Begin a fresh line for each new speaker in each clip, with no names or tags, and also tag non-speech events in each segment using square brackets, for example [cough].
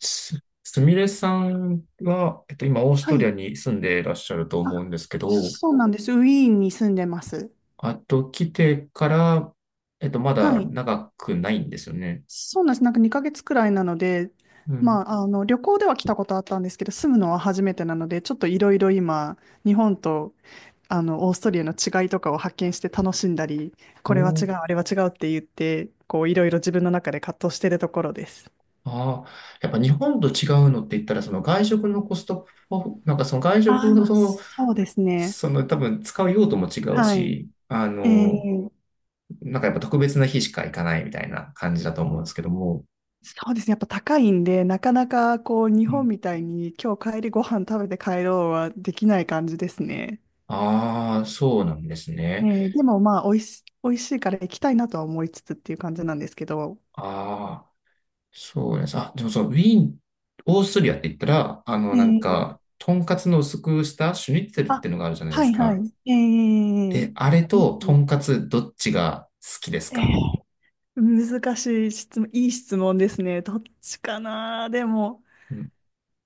すみれさんは、今、オース
は
トリア
い。
に住んでいらっしゃると思う
あ、
んですけど、
そうなんです。ウィーンに住んでます。
あと、来てから、まだ
はい。
長くないんですよね。
そうなんです。なんか2ヶ月くらいなので、
うん。
まあ、あの、旅行では来たことあったんですけど、住むのは初めてなので、ちょっといろいろ今、日本と、あの、オーストリアの違いとかを発見して楽しんだり、
お
これは違う、
ー。
あれは違うって言って、こう、いろいろ自分の中で葛藤してるところです。
ああ、やっぱ日本と違うのって言ったら、その外食のコストを、なんかその外食の
ああ、
その、
そうですね。
その多分使う用途も違う
はい。
し、あ
え
の、
ー
なんかやっぱ特別な日しか行かないみたいな感じだと思うんですけども。
そうですね。やっぱ高いんで、なかなかこう日
う
本
ん。
みたいに今日帰りご飯食べて帰ろうはできない感じですね。
ああ、そうなんですね。
でもまあ、おいし、美味しいから行きたいなとは思いつつっていう感じなんですけど。
ああ。そうです。あ、でもそう、ウィーン、オーストリアって言ったら、あの、なん
えー
か、とんかつの薄くしたシュニッツェルっ
あ、
てのがあるじゃないで
は
す
いは
か。
い。え
え、
ー、
あれ
ありま
と
す
と
ね。
んかつどっちが好きです
え
か？
ー難しい質問、いい質問ですね。どっちかな。でも、
うん。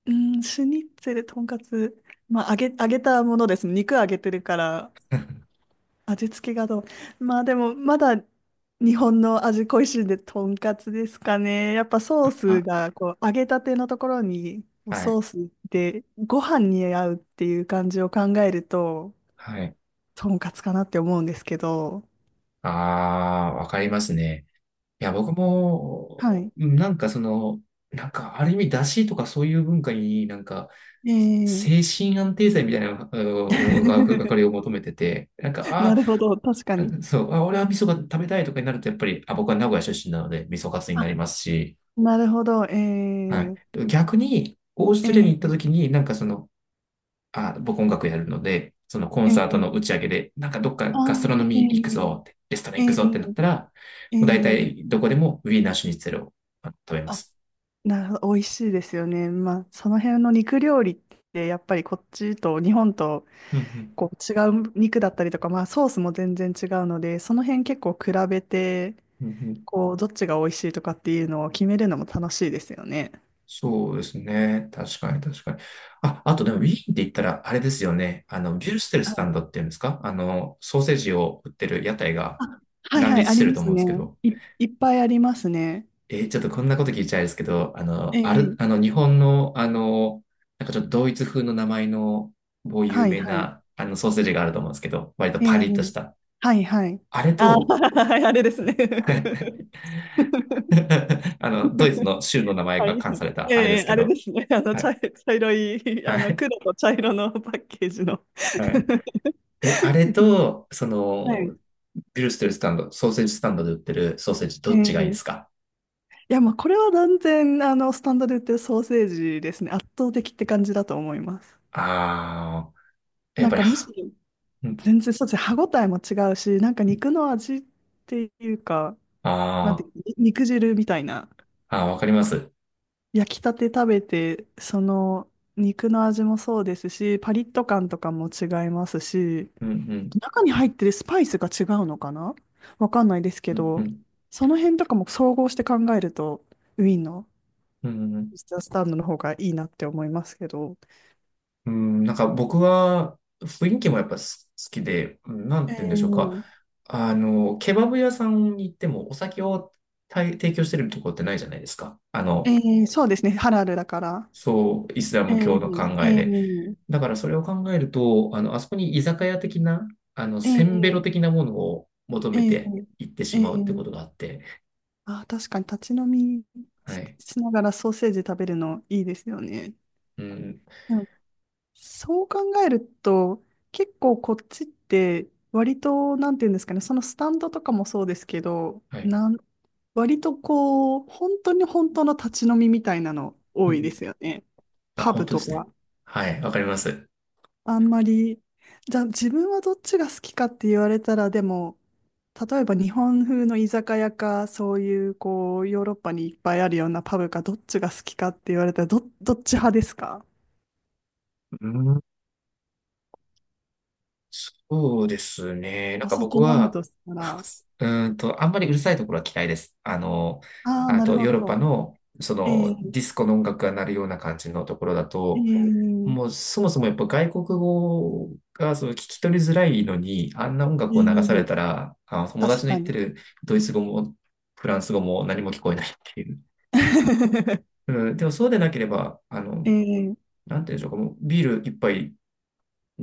うん、シュニッツェル、とんかつ、まあ、揚げたものですね。肉揚げてるから、
[laughs]
味付けがどう。まあでも、まだ日本の味恋しいんで、とんかつですかね。やっぱソース
あ、
が、こう、揚げたてのところに、こう
はい。
ソースでご飯に合うっていう感じを考えると、
はい。
とんかつかなって思うんですけど。
ああ、わかりますね。いや、僕も、
はい。
うん、なんかその、なんかある意味、出汁とかそういう文化になんか、
ええ。
精神安定剤みたいな、あの、わか
[laughs]
りを求めてて、なんか、あ
な
あ、
るほど、確かに。
そう、あ、俺は味噌が食べたいとかになると、やっぱり、あ、僕は名古屋出身なので、味噌カツになり
あ、
ますし、
なるほど、え
はい。
え
逆に、オーストラリアに行った
ええ
時に、なんかその、あ、僕音楽やるので、そのコン
え
サートの打
え。
ち上げで、なんかどっか
あ
ガストロノミー行く
ー、
ぞって、レストラン
えええ
行くぞってなったら、も
ええ
う大
え。
体どこでもウィーナーシュニッツェルを食べま
あ、
す。
なるほど、美味しいですよね。まあ、その辺の肉料理って、やっぱりこっちと日本と
うん、うん、
こう違う肉だったりとか、まあ、ソースも全然違うので、その辺結構比べて、
うん、うん、
こう、どっちが美味しいとかっていうのを決めるのも楽しいですよね。
そうですね。確かに確かに。あ、あとでもウィーンって言ったら、あれですよね。あの、ビュルステル
は
スタ
い。
ンドっていうんですか？あの、ソーセージを売ってる屋台が
あ、はい
乱
はい、
立
あ
し
り
てる
ま
と思
す
うんですけ
ね。
ど。
いっぱいありますね。
ちょっとこんなこと聞いちゃいですけど、あの、
え
あ
え。
の、日本の、あの、なんかちょっとドイツ風の名前の某有
はい
名
はい。
な、あの、ソーセージがあると思うんですけど、割と
え
パ
え。
リッとした。
はいはい。
あれ
あ
と、
ー、[laughs] あれですね。
[laughs]
[laughs]
あの、ドイツの州の名前
は
が
い。
冠された、あれで
え
す
え、
け
あれで
ど、
すね。[laughs] あの、
はい。
茶色い、[laughs]
は
あの、
い。
黒と茶色のパッケージの。
はい。
[laughs]
え、あれと、そ
は
の、
い。
グルステルスタンド、ソーセージスタンドで売ってるソーセージ、
え
どっちがいいで
え。
すか？
いや、まあ、これは断然、あの、スタンドで売ってるソーセージですね。圧倒的って感じだと思います。
ああー、やっ
なん
ぱり、
か、むしろ、
うん、
全然、そうですね。歯ごたえも違うし、なんか
うん、
肉の味っていうか、
あ
なんてい
ー、
う、肉汁みたいな。
あー、わかります。
焼きたて食べて、その、肉の味もそうですし、パリッと感とかも違いますし、
うん、うん、
中に入ってるスパイスが違うのかな。わかんないですけ
うん、う
ど、
ん、
その辺とかも総合して考えると、ウィーンの
うん、
ミスタースタンドの方がいいなって思いますけど。
うん、なんか僕は、雰囲気もやっぱ好きで、うん、なん
え
て言うんでしょうか。
ー、
あの、ケバブ屋さんに行ってもお酒を提供してるところってないじゃないですか。あ
え
の、
そうですね、ハラルだから。
そう、イスラ
え
ム教の考
ー、
え
え
で。
ー、
だからそれを考えると、あの、あそこに居酒屋的な、あの、
え
せんべろ
ー、
的なものを求
え
めて
ー、
行って
え
しまうって
ー、
ことがあって、
あ、確かに立ち飲み
はい。
しながらソーセージ食べるのいいですよね。
うん、
でもそう考えると、結構こっちって割と、なんていうんですかね、そのスタンドとかもそうですけど、
はい。
割とこう、本当に本当の立ち飲みみたいなの
う
多いで
ん、
すよね。
あ、
パ
本
ブ
当で
と
すね。
か。
はい、わかります。
あんまり、じゃあ自分はどっちが好きかって言われたら、でも、例えば日本風の居酒屋か、そういうこう、ヨーロッパにいっぱいあるようなパブか、どっちが好きかって言われたら、どっち派ですか？
うん、そうですね。なん
お
か僕
酒飲む
は、
とした
[laughs]
ら。
あんまりうるさいところは嫌いです。あの、
ああ、
あ
なる
と
ほ
ヨーロッパ
ど。
の、そ
ええ、
のディスコの音楽が鳴るような感じのところだ
え
と、
え、
もうそもそもやっぱ外国語がその聞き取りづらいのに、あんな音
え
楽を流され
え、
たら、あ、友
確
達の
か
言って
に。
るドイツ語もフランス語も何も聞こえないっていう。
[laughs]
うん、でもそうでなければ、あの、
ええ、
なんていうんでしょうか、もうビール一杯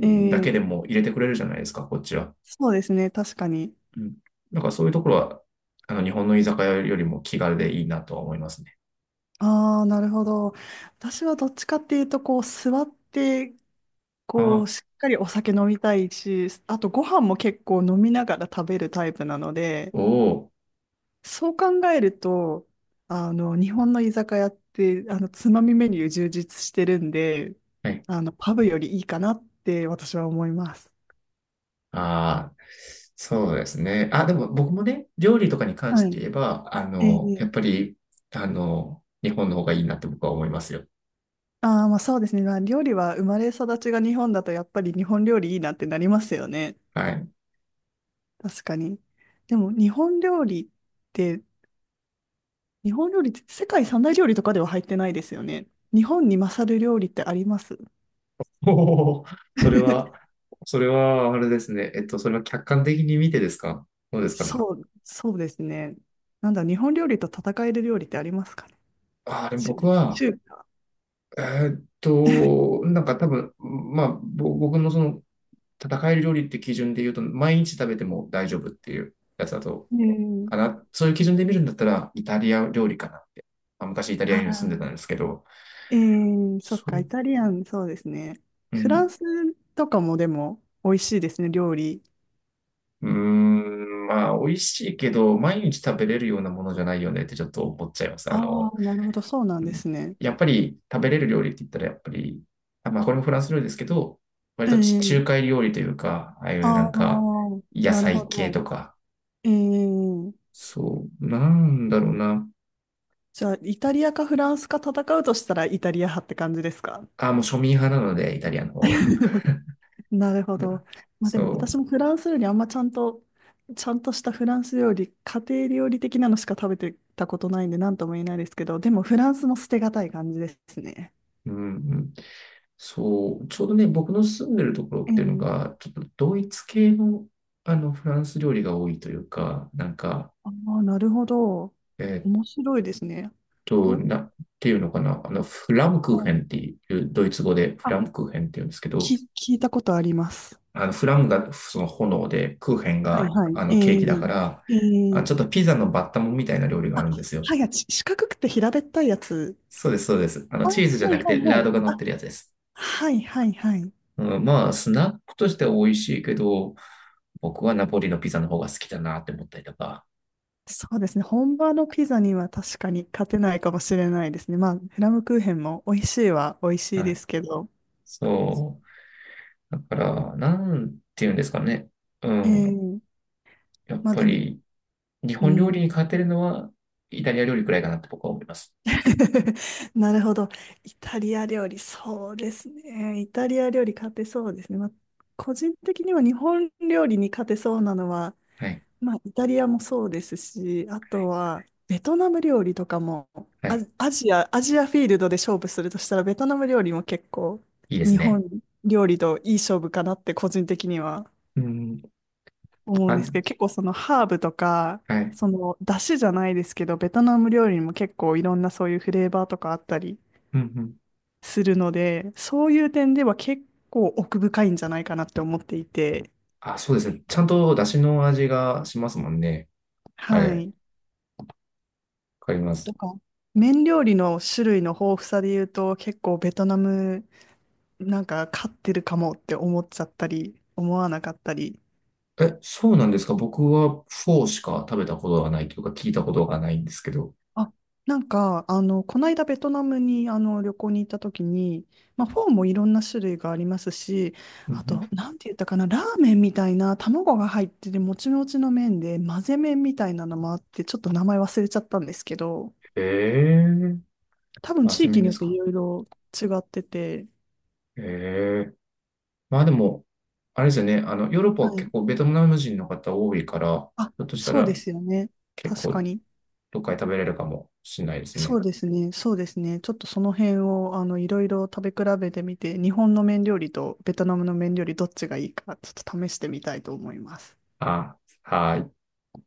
え
け
え、
でも入れてくれるじゃないですか、こっちは。
そうですね、確かに。
うん。だからそういうところは、あの、日本の居酒屋よりも気軽でいいなとは思いますね。
ああ、なるほど。私はどっちかっていうと、こう、座って、
あ
こう、
あ、
しっかりお酒飲みたいし、あとご飯も結構飲みながら食べるタイプなので、
おお。
そう考えると、あの、日本の居酒屋って、あの、つまみメニュー充実してるんで、
はい。
あの、パブよりいいかなって私は思います。
ああ、そうですね。あ、でも僕もね、料理とかに関して
は
言えば、あ
い。え
の、
え。
やっぱり、あの、日本の方がいいなって僕は思いますよ。
ああ、まあそうですね。まあ、料理は生まれ育ちが日本だとやっぱり日本料理いいなってなりますよね。
はい。
確かに。でもて、日本料理って世界三大料理とかでは入ってないですよね。日本に勝る料理ってあります？
おお、それは、
[laughs]
それは、あれですね。それは客観的に見てですか？どうですかね。
そう、そうですね。なんだ、日本料理と戦える料理ってありますかね。
ああ、でも
中、
僕は、
中華。
なんか多分、まあ、僕のその、戦える料理って基準で言うと、毎日食べても大丈夫っていうやつだと
えー、
かな。そういう基準で見るんだったら、イタリア料理かなって。まあ、昔イタリアに住んでたん
あ
ですけど、
ーそっ
そ
か、
う、
イタリアン、そうですね。
う
フラ
ん。
ンスとかもでも美味しいですね、料理。
うーん、まあ、美味しいけど、毎日食べれるようなものじゃないよねってちょっと思っちゃいます。あ
あ
の、
あ、なるほど、そうなん
う
で
ん、
すね。
やっぱり食べれる料理って言ったら、やっぱり、あ、まあ、これもフランス料理ですけど、割
え
と地中
え。
海料理というか、ああいうな
ああ、
んか、野
なるほ
菜系
ど。
とか、
ええ。
そう、なんだろうな。
じゃあ、イタリアかフランスか戦うとしたらイタリア派って感じですか？
あ、もう庶民派なので、イタリアの方が。
[laughs] なるほど。まあでも
そ
私もフランス料理あんまちゃんと、したフランス料理、家庭料理的なのしか食べてたことないんで何とも言えないですけど、でもフランスも捨てがたい感じですね。
う、うん、うん。そう、ちょうどね、僕の住んでるところっていうの
ええ。
が、ちょっとドイツ系の、あのフランス料理が多いというか、なんか、
ああ、なるほど。
えーっ
面白いですね。と、
っていうのかな、あの、フラムク
う
ーヘ
ん。
ンっていう、ドイツ語でフ
あ、
ラムクーヘンっていうんですけど、
聞いたことあります。
あの、フラムがその炎で、クーヘン
はい
が
はい。
あの
え
ケーキだか
え
ら、
え
あ、
え。
ちょっとピザのバッタモンみたいな料理があ
あ、
るんですよ。
はい、あち四角くて平べったいやつ。
そうです、そうです。あの、
あ、は
チーズじ
い
ゃ
は
なく
い
て、ラ
は
ー
い。
ドが乗っ
あ、
てるやつです。
はいはいはい。
うん、まあ、スナックとしては美味しいけど、僕はナポリのピザの方が好きだなって思ったりとか。
そうですね。本場のピザには確かに勝てないかもしれないですね。まあ、フラムクーヘンも美味しいは美味しい
は
で
い。
すけど。
そう。だから、なんていうんですかね。うん。
ええ。
やっ
まあ
ぱ
でも、
り、日
う
本料理に
ん。
勝てるのは、イタリア料理くらいかなって僕は思います。
[laughs] なるほど。イタリア料理、そうですね。イタリア料理勝てそうですね。まあ、個人的には日本料理に勝てそうなのは、
はい。
まあ、イタリアもそうですし、あとはベトナム料理とかも、
はい。
アジアフィールドで勝負するとしたら、ベトナム料理も結構、
いいです
日
ね。
本料理といい勝負かなって個人的には
うん。
思うんで
あ、
すけど、結構そのハーブとか、
はい。
その出汁じゃないですけど、ベトナム料理にも結構いろんなそういうフレーバーとかあったり
うん、うん。
するので、そういう点では結構奥深いんじゃないかなって思っていて、
あ、そうですね。ちゃんと出汁の味がしますもんね。はい。
は
わ
い。
かりま
と
す。
か、麺料理の種類の豊富さで言うと、結構ベトナムなんか勝ってるかもって思っちゃったり、思わなかったり。
え、そうなんですか？僕はフォーしか食べたことがないというか、聞いたことがないんですけど。
あ、なんか、あの、この間ベトナムにあの旅行に行った時に、まあ、フォーもいろんな種類がありますし、
う
あ
ん、う
と、
ん。
なんて言ったかな、ラーメンみたいな卵が入ってて、もちもちの麺で、混ぜ麺みたいなのもあって、ちょっと名前忘れちゃったんですけど、
ええー。
多分
あ、
地
そうめ
域
ん
に
で
よっ
す
て
か？
いろいろ違ってて、
ええー。まあでも、あれですよね、あの、ヨーロッパ
は
は
い。
結構ベトナム人の方多いから、
あ、
ひょっとした
そうで
ら
すよね。
結
確か
構
に。
どっかで食べれるかもしれないです
そ
ね。
うですね。そうですね。ちょっとその辺を、あの、いろいろ食べ比べてみて、日本の麺料理とベトナムの麺料理どっちがいいか、ちょっと試してみたいと思います。
あ、はい。